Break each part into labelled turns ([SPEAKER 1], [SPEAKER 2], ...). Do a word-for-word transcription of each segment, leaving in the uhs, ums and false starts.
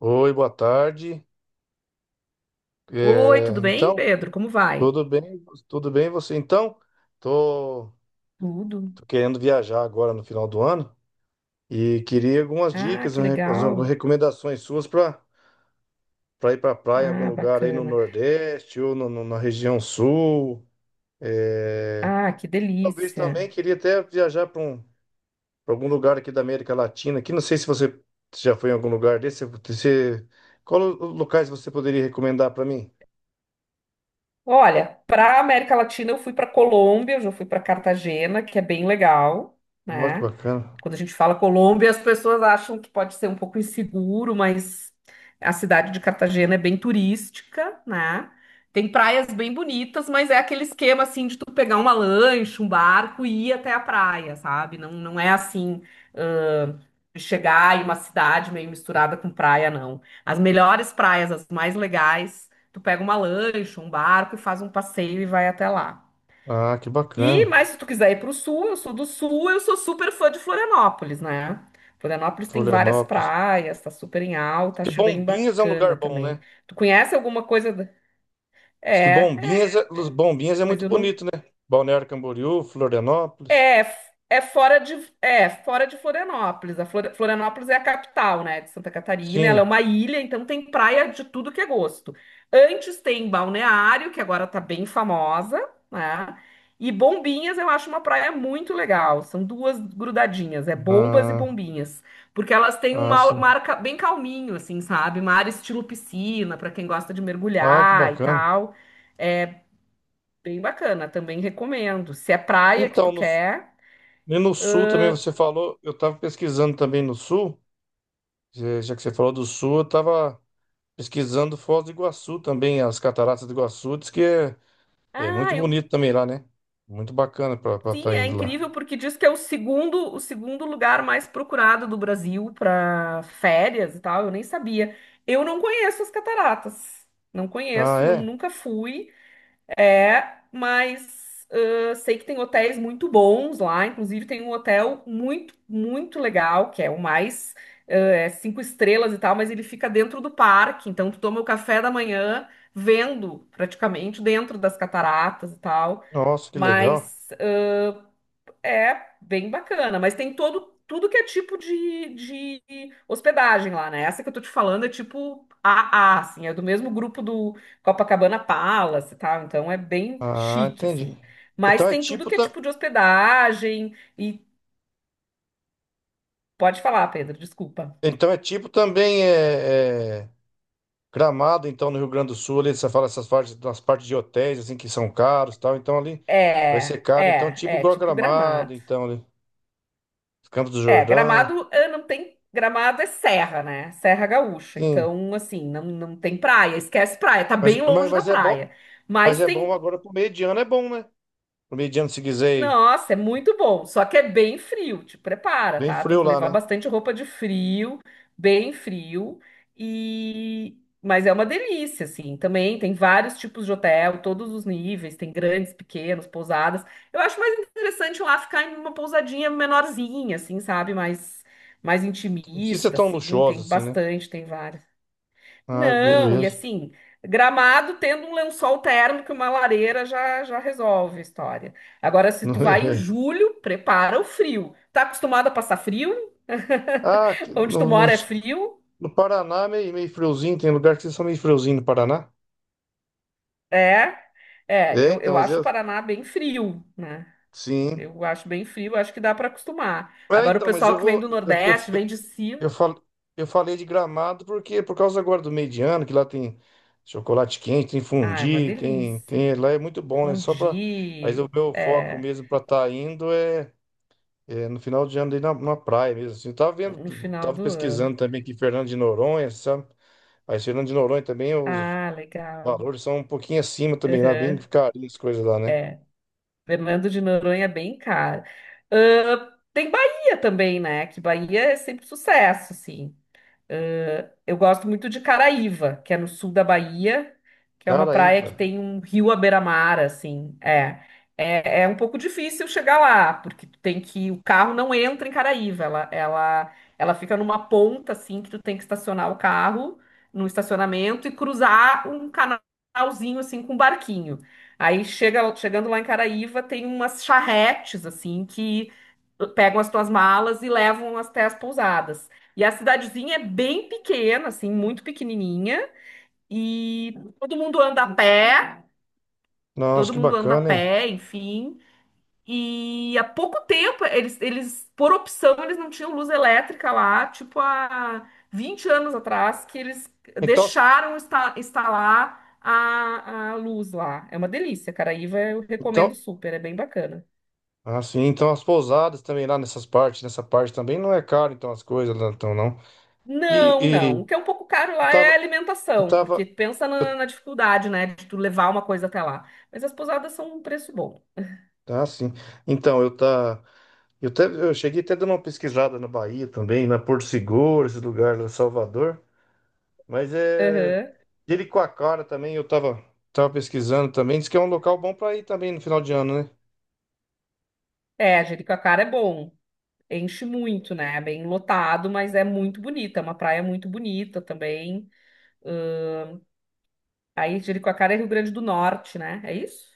[SPEAKER 1] Oi, boa tarde.
[SPEAKER 2] Oi, tudo
[SPEAKER 1] É,
[SPEAKER 2] bem,
[SPEAKER 1] então,
[SPEAKER 2] Pedro? Como vai?
[SPEAKER 1] tudo bem? Tudo bem você? Então, tô,
[SPEAKER 2] Tudo.
[SPEAKER 1] tô querendo viajar agora no final do ano e queria algumas
[SPEAKER 2] Ah,
[SPEAKER 1] dicas,
[SPEAKER 2] que
[SPEAKER 1] um re- algumas
[SPEAKER 2] legal.
[SPEAKER 1] recomendações suas para para ir para praia em algum
[SPEAKER 2] Ah,
[SPEAKER 1] lugar aí no
[SPEAKER 2] bacana.
[SPEAKER 1] Nordeste ou no- no- na região Sul. É,
[SPEAKER 2] Ah, que
[SPEAKER 1] talvez também
[SPEAKER 2] delícia.
[SPEAKER 1] queria até viajar para um, pra algum lugar aqui da América Latina. Aqui não sei se você já foi em algum lugar desse. Você, qual o- os locais você poderia recomendar para mim?
[SPEAKER 2] Olha, para América Latina eu fui para Colômbia, eu já fui para Cartagena, que é bem legal,
[SPEAKER 1] Olha que
[SPEAKER 2] né?
[SPEAKER 1] bacana.
[SPEAKER 2] Quando a gente fala Colômbia, as pessoas acham que pode ser um pouco inseguro, mas a cidade de Cartagena é bem turística, né? Tem praias bem bonitas, mas é aquele esquema assim de tu pegar uma lancha, um barco e ir até a praia, sabe? Não, não é assim, ãh, de chegar em uma cidade meio misturada com praia, não. As melhores praias, as mais legais, tu pega uma lancha, um barco e faz um passeio e vai até lá.
[SPEAKER 1] Ah, que
[SPEAKER 2] E,
[SPEAKER 1] bacana.
[SPEAKER 2] mas se tu quiser ir pro sul, eu sou do sul, eu sou super fã de Florianópolis, né? Florianópolis tem várias
[SPEAKER 1] Florianópolis.
[SPEAKER 2] praias, tá super em alta,
[SPEAKER 1] Que
[SPEAKER 2] acho bem
[SPEAKER 1] Bombinhas é um
[SPEAKER 2] bacana
[SPEAKER 1] lugar bom, né?
[SPEAKER 2] também. Tu conhece alguma coisa? da- É,
[SPEAKER 1] Diz que
[SPEAKER 2] é,
[SPEAKER 1] Bombinhas é, Los-
[SPEAKER 2] é.
[SPEAKER 1] Bombinhas é
[SPEAKER 2] Mas
[SPEAKER 1] muito
[SPEAKER 2] eu não.
[SPEAKER 1] bonito, né? Balneário Camboriú, Florianópolis.
[SPEAKER 2] É, f- é fora de, é fora de Florianópolis. A Flor- Florianópolis é a capital, né, de Santa Catarina. Ela é
[SPEAKER 1] Sim.
[SPEAKER 2] uma ilha, então tem praia de tudo que é gosto. Antes tem Balneário, que agora tá bem famosa, né? E Bombinhas eu acho uma praia muito legal. São duas grudadinhas, é Bombas e
[SPEAKER 1] Ah,
[SPEAKER 2] Bombinhas, porque elas têm um
[SPEAKER 1] ah,
[SPEAKER 2] mar,
[SPEAKER 1] sim.
[SPEAKER 2] mar ca- bem calminho, assim, sabe? Mar estilo piscina, para quem gosta de
[SPEAKER 1] Ah, que
[SPEAKER 2] mergulhar e
[SPEAKER 1] bacana.
[SPEAKER 2] tal. É bem bacana, também recomendo. Se é praia que
[SPEAKER 1] Então,
[SPEAKER 2] tu
[SPEAKER 1] no,
[SPEAKER 2] quer.
[SPEAKER 1] e no sul também você falou, eu estava pesquisando também no sul, já já que você falou do sul, eu estava pesquisando Foz do Iguaçu também, as cataratas do Iguaçu, diz que é, é
[SPEAKER 2] Ah,
[SPEAKER 1] muito
[SPEAKER 2] eu...
[SPEAKER 1] bonito também lá, né? Muito bacana para
[SPEAKER 2] sim,
[SPEAKER 1] estar
[SPEAKER 2] é
[SPEAKER 1] indo lá.
[SPEAKER 2] incrível porque diz que é o segundo, o segundo lugar mais procurado do Brasil para férias e tal. Eu nem sabia. Eu não conheço as cataratas. Não
[SPEAKER 1] Ah,
[SPEAKER 2] conheço, não-
[SPEAKER 1] é?
[SPEAKER 2] nunca fui. É, mas ah, sei que tem hotéis muito bons lá. Inclusive tem um hotel muito, muito legal, que é o mais ah, é cinco estrelas e tal, mas ele fica dentro do parque. Então tu toma o café da manhã vendo praticamente dentro das cataratas e tal.
[SPEAKER 1] Nossa, que legal.
[SPEAKER 2] Mas é bem bacana, mas tem todo tudo que é tipo de, de hospedagem lá, né? Essa que eu tô te falando é tipo a a, assim, é do mesmo grupo do Copacabana Palace, tá? Então é bem
[SPEAKER 1] Ah,
[SPEAKER 2] chique,
[SPEAKER 1] entendi.
[SPEAKER 2] assim.
[SPEAKER 1] Então
[SPEAKER 2] Mas
[SPEAKER 1] é
[SPEAKER 2] tem tudo
[SPEAKER 1] tipo,
[SPEAKER 2] que é
[SPEAKER 1] ta-
[SPEAKER 2] tipo de hospedagem. E pode falar, Pedro, desculpa.
[SPEAKER 1] então é tipo também é, é, Gramado, então no Rio Grande do Sul, ali você fala essas partes, das partes de hotéis assim que são caros, e tal. Então ali vai ser
[SPEAKER 2] É,
[SPEAKER 1] caro, então
[SPEAKER 2] é,
[SPEAKER 1] tipo
[SPEAKER 2] é
[SPEAKER 1] igual
[SPEAKER 2] tipo
[SPEAKER 1] Gramado,
[SPEAKER 2] Gramado.
[SPEAKER 1] então ali, Campos do
[SPEAKER 2] É,
[SPEAKER 1] Jordão.
[SPEAKER 2] Gramado, ah, não tem. Gramado é serra, né? Serra Gaúcha.
[SPEAKER 1] Sim.
[SPEAKER 2] Então, assim, não, não tem praia. Esquece praia. Tá
[SPEAKER 1] Mas,
[SPEAKER 2] bem
[SPEAKER 1] mas,
[SPEAKER 2] longe da
[SPEAKER 1] mas é bom,
[SPEAKER 2] praia.
[SPEAKER 1] mas
[SPEAKER 2] Mas
[SPEAKER 1] é bom
[SPEAKER 2] tem.
[SPEAKER 1] agora pro meio de ano é bom, né? Pro meio de ano se quiser ir
[SPEAKER 2] Nossa, é muito bom, só que é bem frio, te prepara,
[SPEAKER 1] bem
[SPEAKER 2] tá? Tem
[SPEAKER 1] frio
[SPEAKER 2] que
[SPEAKER 1] lá,
[SPEAKER 2] levar
[SPEAKER 1] né?
[SPEAKER 2] bastante roupa de frio, bem frio, e mas é uma delícia, assim. Também tem vários tipos de hotel, todos os níveis, tem grandes, pequenos, pousadas. Eu acho mais interessante lá ficar em uma pousadinha menorzinha, assim, sabe? Mais mais
[SPEAKER 1] Não precisa ser
[SPEAKER 2] intimista,
[SPEAKER 1] tão
[SPEAKER 2] assim,
[SPEAKER 1] luxuoso
[SPEAKER 2] tem
[SPEAKER 1] assim, né?
[SPEAKER 2] bastante, tem várias.
[SPEAKER 1] Ah,
[SPEAKER 2] Não, e
[SPEAKER 1] beleza.
[SPEAKER 2] assim, Gramado tendo um lençol térmico e uma lareira já, já resolve a história. Agora, se tu vai em julho, prepara o frio. Tá acostumado a passar frio?
[SPEAKER 1] Ah, aqui
[SPEAKER 2] Onde tu
[SPEAKER 1] no,
[SPEAKER 2] mora é
[SPEAKER 1] nos-
[SPEAKER 2] frio?
[SPEAKER 1] no Paraná meio, meio friozinho, tem lugar que vocês são meio friozinho no Paraná?
[SPEAKER 2] É, é,
[SPEAKER 1] É,
[SPEAKER 2] eu,
[SPEAKER 1] então,
[SPEAKER 2] eu
[SPEAKER 1] mas
[SPEAKER 2] acho o
[SPEAKER 1] eu.
[SPEAKER 2] Paraná bem frio, né?
[SPEAKER 1] Sim.
[SPEAKER 2] Eu acho bem frio, acho que dá para acostumar.
[SPEAKER 1] É,
[SPEAKER 2] Agora, o
[SPEAKER 1] então, mas eu
[SPEAKER 2] pessoal que vem
[SPEAKER 1] vou.
[SPEAKER 2] do
[SPEAKER 1] Eu, eu,
[SPEAKER 2] Nordeste, vem de cima,
[SPEAKER 1] eu, fal- eu falei de Gramado porque por causa agora do meio de ano, que lá tem chocolate quente, tem
[SPEAKER 2] ah, é uma
[SPEAKER 1] fondue, tem,
[SPEAKER 2] delícia.
[SPEAKER 1] tem. Lá é muito bom, né? Só pra. Mas o
[SPEAKER 2] Fondue,
[SPEAKER 1] meu foco
[SPEAKER 2] é,
[SPEAKER 1] mesmo pra estar indo é, é no final de ano ali na, na praia mesmo. Assim. Eu tava
[SPEAKER 2] no
[SPEAKER 1] vendo,
[SPEAKER 2] final
[SPEAKER 1] tava
[SPEAKER 2] do ano.
[SPEAKER 1] pesquisando também aqui Fernando de Noronha, sabe? Mas Fernando de Noronha também, os
[SPEAKER 2] Ah, legal.
[SPEAKER 1] valores são um pouquinho acima também, lá bem
[SPEAKER 2] Aham.
[SPEAKER 1] carinho as coisas lá, né?
[SPEAKER 2] É. Fernando de Noronha é bem caro. Ahn, tem Bahia também, né? Que Bahia é sempre sucesso, assim. Ah, eu gosto muito de Caraíva, que é no sul da Bahia, que é uma
[SPEAKER 1] Cara, aí,
[SPEAKER 2] praia que
[SPEAKER 1] pá.
[SPEAKER 2] tem um rio à beira-mar, assim. É, é, é um pouco difícil chegar lá, porque tu tem que o carro não entra em Caraíva, ela, ela, ela fica numa ponta assim que tu tem que estacionar o carro no estacionamento e cruzar um canalzinho assim com um barquinho. Aí chega, chegando lá em Caraíva, tem umas charretes assim que pegam as tuas malas e levam até as pousadas. E a cidadezinha é bem pequena, assim, muito pequenininha. E todo mundo anda a pé,
[SPEAKER 1] Nossa,
[SPEAKER 2] todo
[SPEAKER 1] que
[SPEAKER 2] mundo anda a
[SPEAKER 1] bacana, hein?
[SPEAKER 2] pé, enfim. E há pouco tempo, eles, eles, por opção, eles não tinham luz elétrica lá, tipo há vinte anos atrás, que eles
[SPEAKER 1] Então,
[SPEAKER 2] deixaram insta- instalar a, a luz lá. É uma delícia, Caraíva, eu recomendo
[SPEAKER 1] então.
[SPEAKER 2] super, é bem bacana.
[SPEAKER 1] Ah, sim. Então as pousadas também lá nessas partes, nessa parte também não é caro, então as coisas lá, então não. E,
[SPEAKER 2] Não,
[SPEAKER 1] e
[SPEAKER 2] não. O que é um pouco caro
[SPEAKER 1] eu
[SPEAKER 2] lá é a
[SPEAKER 1] tava, eu
[SPEAKER 2] alimentação, porque
[SPEAKER 1] tava,
[SPEAKER 2] pensa na, na dificuldade, né, de tu levar uma coisa até lá. Mas as pousadas são um preço bom.
[SPEAKER 1] ah, sim. Então eu tá, eu até, eu cheguei até dando uma pesquisada na Bahia também, na Porto Seguro, esse lugar lá, Salvador. Mas é
[SPEAKER 2] Aham.
[SPEAKER 1] Jericoacoara também eu tava, tava pesquisando também. Diz que é um local bom para ir também no final de ano, né?
[SPEAKER 2] É, Jericoacoara é bom. Enche muito, né? É bem lotado, mas é muito bonita. É uma praia muito bonita também. Ahn, aí Jericoacoara é Rio Grande do Norte, né? É isso?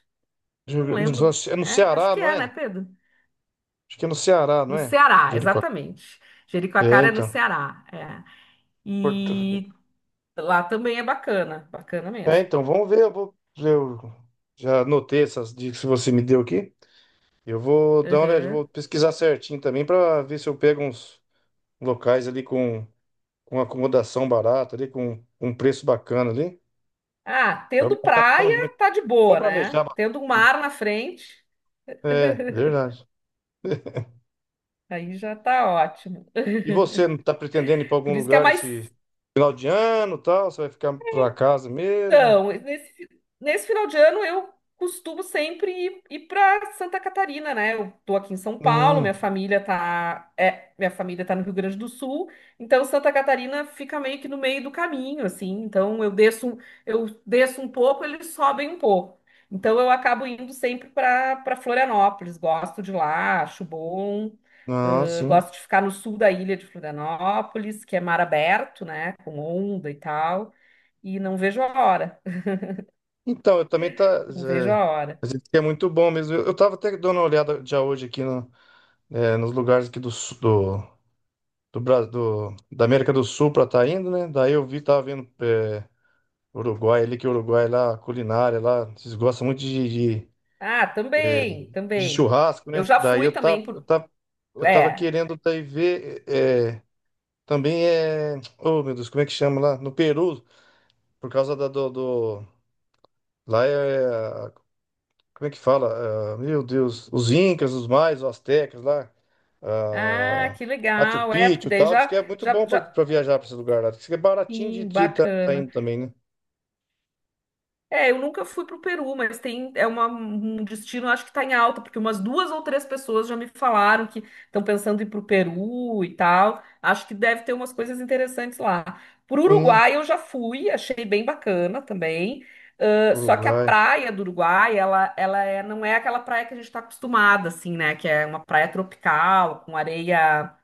[SPEAKER 2] Não lembro.
[SPEAKER 1] É no
[SPEAKER 2] É, acho
[SPEAKER 1] Ceará,
[SPEAKER 2] que
[SPEAKER 1] não
[SPEAKER 2] é, né,
[SPEAKER 1] é?
[SPEAKER 2] Pedro?
[SPEAKER 1] Acho que é no Ceará, não
[SPEAKER 2] No
[SPEAKER 1] é?
[SPEAKER 2] Ceará,
[SPEAKER 1] Jericoacoara.
[SPEAKER 2] exatamente.
[SPEAKER 1] É,
[SPEAKER 2] Jericoacoara é no
[SPEAKER 1] então.
[SPEAKER 2] Ceará. É.
[SPEAKER 1] Porto.
[SPEAKER 2] E lá também é bacana, bacana
[SPEAKER 1] É,
[SPEAKER 2] mesmo.
[SPEAKER 1] então vamos ver. Eu vou, eu já anotei essas dicas que você me deu aqui. Eu vou dar uma olhada, eu
[SPEAKER 2] Aham.
[SPEAKER 1] vou pesquisar certinho também para ver se eu pego uns locais ali com, com acomodação barata, ali com um preço bacana ali.
[SPEAKER 2] Ah,
[SPEAKER 1] Eu não
[SPEAKER 2] tendo
[SPEAKER 1] tô gastando
[SPEAKER 2] praia,
[SPEAKER 1] muito.
[SPEAKER 2] tá de
[SPEAKER 1] Vamos
[SPEAKER 2] boa,
[SPEAKER 1] planejar.
[SPEAKER 2] né?
[SPEAKER 1] mas-
[SPEAKER 2] Tendo um mar na frente,
[SPEAKER 1] É, verdade.
[SPEAKER 2] aí já tá ótimo.
[SPEAKER 1] E você não está pretendendo ir para algum
[SPEAKER 2] Por isso que é
[SPEAKER 1] lugar
[SPEAKER 2] mais.
[SPEAKER 1] esse final de ano, tal? Você vai ficar para casa mesmo?
[SPEAKER 2] Então, nesse, nesse final de ano eu costumo sempre ir, ir para Santa Catarina, né? Eu tô aqui em São Paulo,
[SPEAKER 1] Hum,
[SPEAKER 2] minha família tá, é, minha família tá no Rio Grande do Sul, então Santa Catarina fica meio que no meio do caminho, assim. Então eu desço, um- eu desço um pouco, eles sobem um pouco. Então eu acabo indo sempre para para Florianópolis, gosto de lá, acho bom.
[SPEAKER 1] ah,
[SPEAKER 2] ãh,
[SPEAKER 1] sim.
[SPEAKER 2] gosto de ficar no sul da ilha de Florianópolis, que é mar aberto, né? Com onda e tal e não vejo a hora.
[SPEAKER 1] Então, eu também tá.
[SPEAKER 2] Eu não vejo
[SPEAKER 1] É,
[SPEAKER 2] a hora.
[SPEAKER 1] mas isso aqui é muito bom mesmo. Eu, eu tava até dando uma olhada já hoje aqui no é, nos lugares aqui do, su- do, do, Bra- do- da América do Sul para tá indo, né? Daí eu vi, tava vendo é, Uruguai ali, que o Uruguai lá, a culinária lá, vocês gostam muito de, de,
[SPEAKER 2] Ah,
[SPEAKER 1] é,
[SPEAKER 2] também,
[SPEAKER 1] de
[SPEAKER 2] também.
[SPEAKER 1] churrasco,
[SPEAKER 2] Eu
[SPEAKER 1] né?
[SPEAKER 2] já
[SPEAKER 1] Daí
[SPEAKER 2] fui
[SPEAKER 1] eu tava,
[SPEAKER 2] também
[SPEAKER 1] eu
[SPEAKER 2] por.
[SPEAKER 1] tava, eu tava
[SPEAKER 2] É.
[SPEAKER 1] querendo daí ver é, também é. Oh, meu Deus, como é que chama lá? No Peru, por causa da, do, do- Lá é Como é que fala? Ah, meu Deus, os Incas, os Maias, os Astecas lá,
[SPEAKER 2] Ah,
[SPEAKER 1] ah,
[SPEAKER 2] que
[SPEAKER 1] Machu
[SPEAKER 2] legal. É, porque
[SPEAKER 1] Picchu e
[SPEAKER 2] daí
[SPEAKER 1] tal, diz que
[SPEAKER 2] já,
[SPEAKER 1] é muito
[SPEAKER 2] já,
[SPEAKER 1] bom
[SPEAKER 2] já.
[SPEAKER 1] para viajar para esse lugar lá. Diz que é baratinho de
[SPEAKER 2] Sim,
[SPEAKER 1] estar
[SPEAKER 2] bacana.
[SPEAKER 1] indo também, né?
[SPEAKER 2] É, eu nunca fui pro Peru, mas tem é uma- um destino, acho que tá em alta, porque umas duas ou três pessoas já me falaram que estão pensando em ir pro Peru e tal. Acho que deve ter umas coisas interessantes lá. Pro
[SPEAKER 1] Sim,
[SPEAKER 2] Uruguai eu já fui, achei bem bacana também. Ãh, só que a
[SPEAKER 1] Uruguai.
[SPEAKER 2] praia do Uruguai, ela, ela é, não é aquela praia que a gente está acostumada, assim, né? Que é uma praia tropical, com areia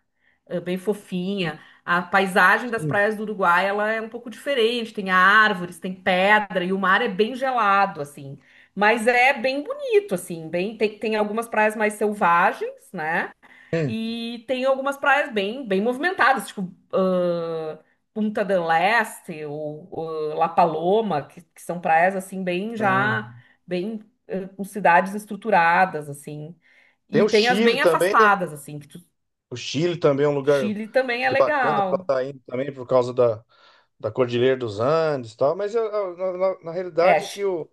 [SPEAKER 2] é bem fofinha. A paisagem das
[SPEAKER 1] Sim.
[SPEAKER 2] praias do Uruguai, ela é um pouco diferente, tem árvores, tem pedra e o mar é bem gelado assim. Mas é bem bonito assim, bem tem, tem algumas praias mais selvagens, né?
[SPEAKER 1] Hum.
[SPEAKER 2] E tem algumas praias bem bem movimentadas, tipo ãh, Punta del Este ou ãh, La Paloma, que, que são praias assim bem
[SPEAKER 1] Ah,
[SPEAKER 2] já bem ãh, com cidades estruturadas assim.
[SPEAKER 1] Tem
[SPEAKER 2] E
[SPEAKER 1] o
[SPEAKER 2] tem as
[SPEAKER 1] Chile
[SPEAKER 2] bem
[SPEAKER 1] também, né?
[SPEAKER 2] afastadas, assim, que tu
[SPEAKER 1] O Chile também é um lugar
[SPEAKER 2] Chile também
[SPEAKER 1] acho
[SPEAKER 2] é
[SPEAKER 1] que bacana para
[SPEAKER 2] legal.
[SPEAKER 1] estar indo também por causa da, da Cordilheira dos Andes e tal, mas ah, ah, na, na- na
[SPEAKER 2] É,
[SPEAKER 1] realidade é
[SPEAKER 2] Chi-
[SPEAKER 1] que o,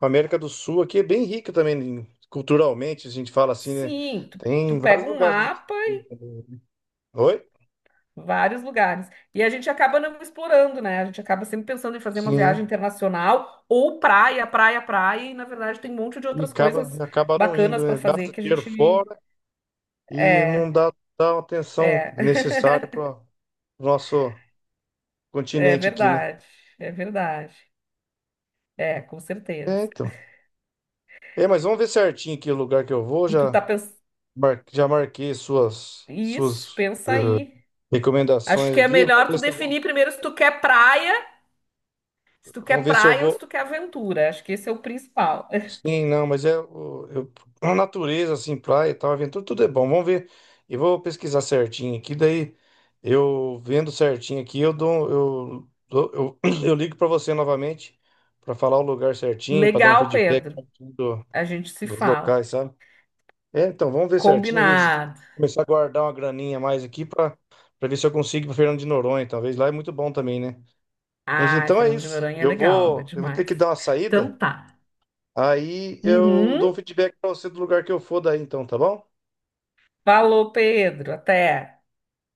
[SPEAKER 1] A América do Sul aqui é bem rica também, em- culturalmente, a gente fala assim, né?
[SPEAKER 2] sim, tu, tu
[SPEAKER 1] Tem vários
[SPEAKER 2] pega um
[SPEAKER 1] lugares. Pra gente
[SPEAKER 2] mapa,
[SPEAKER 1] ir
[SPEAKER 2] e
[SPEAKER 1] também. Oi?
[SPEAKER 2] vários lugares. E a gente acaba não explorando, né? A gente acaba sempre pensando em fazer uma viagem
[SPEAKER 1] Sim.
[SPEAKER 2] internacional ou praia, praia, praia. E na verdade tem um monte de
[SPEAKER 1] E
[SPEAKER 2] outras
[SPEAKER 1] acaba,
[SPEAKER 2] coisas
[SPEAKER 1] acaba não indo,
[SPEAKER 2] bacanas para
[SPEAKER 1] né?
[SPEAKER 2] fazer
[SPEAKER 1] Gasta
[SPEAKER 2] que a
[SPEAKER 1] dinheiro
[SPEAKER 2] gente.
[SPEAKER 1] fora e
[SPEAKER 2] É,
[SPEAKER 1] não dá, dá a atenção necessária
[SPEAKER 2] é.
[SPEAKER 1] para o nosso
[SPEAKER 2] É
[SPEAKER 1] continente aqui, né?
[SPEAKER 2] verdade, é verdade. É, com certeza.
[SPEAKER 1] É, então. É, mas vamos ver certinho aqui o lugar que eu vou.
[SPEAKER 2] E tu
[SPEAKER 1] Já,
[SPEAKER 2] tá pensando.
[SPEAKER 1] mar- já marquei suas,
[SPEAKER 2] Isso,
[SPEAKER 1] suas eh,
[SPEAKER 2] pensa aí. Acho
[SPEAKER 1] recomendações
[SPEAKER 2] que é
[SPEAKER 1] aqui. Vamos
[SPEAKER 2] melhor tu
[SPEAKER 1] ver se eu vou,
[SPEAKER 2] definir primeiro se tu quer praia. Se tu
[SPEAKER 1] vamos
[SPEAKER 2] quer
[SPEAKER 1] ver se eu
[SPEAKER 2] praia ou se
[SPEAKER 1] vou
[SPEAKER 2] tu quer aventura. Acho que esse é o principal.
[SPEAKER 1] Sim, não, mas é o- eu, a natureza, assim, praia e tal, aventura, tudo é bom. Vamos ver. Eu vou pesquisar certinho aqui, daí eu vendo certinho aqui, eu dou, eu, dou- eu, eu ligo para você novamente para falar o lugar certinho, para dar um
[SPEAKER 2] Legal,
[SPEAKER 1] feedback
[SPEAKER 2] Pedro.
[SPEAKER 1] certinho do-
[SPEAKER 2] A gente se
[SPEAKER 1] dos
[SPEAKER 2] fala.
[SPEAKER 1] locais, sabe? É, então vamos ver certinho, ver se-
[SPEAKER 2] Combinado.
[SPEAKER 1] começar a guardar uma graninha a mais aqui para para ver se eu consigo ir para Fernando de Noronha, talvez lá é muito bom também, né? Mas
[SPEAKER 2] Ai,
[SPEAKER 1] então é
[SPEAKER 2] Fernando de
[SPEAKER 1] isso.
[SPEAKER 2] Noronha é
[SPEAKER 1] Eu
[SPEAKER 2] legal, é
[SPEAKER 1] vou, eu vou ter
[SPEAKER 2] demais.
[SPEAKER 1] que dar uma saída.
[SPEAKER 2] Então tá.
[SPEAKER 1] Aí eu
[SPEAKER 2] Uhum.
[SPEAKER 1] dou um feedback pra você do lugar que eu for daí, então, tá bom?
[SPEAKER 2] Falou, Pedro. Até.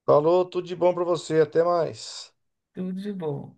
[SPEAKER 1] Falou, tudo de bom pra você, até mais.
[SPEAKER 2] Tudo de bom.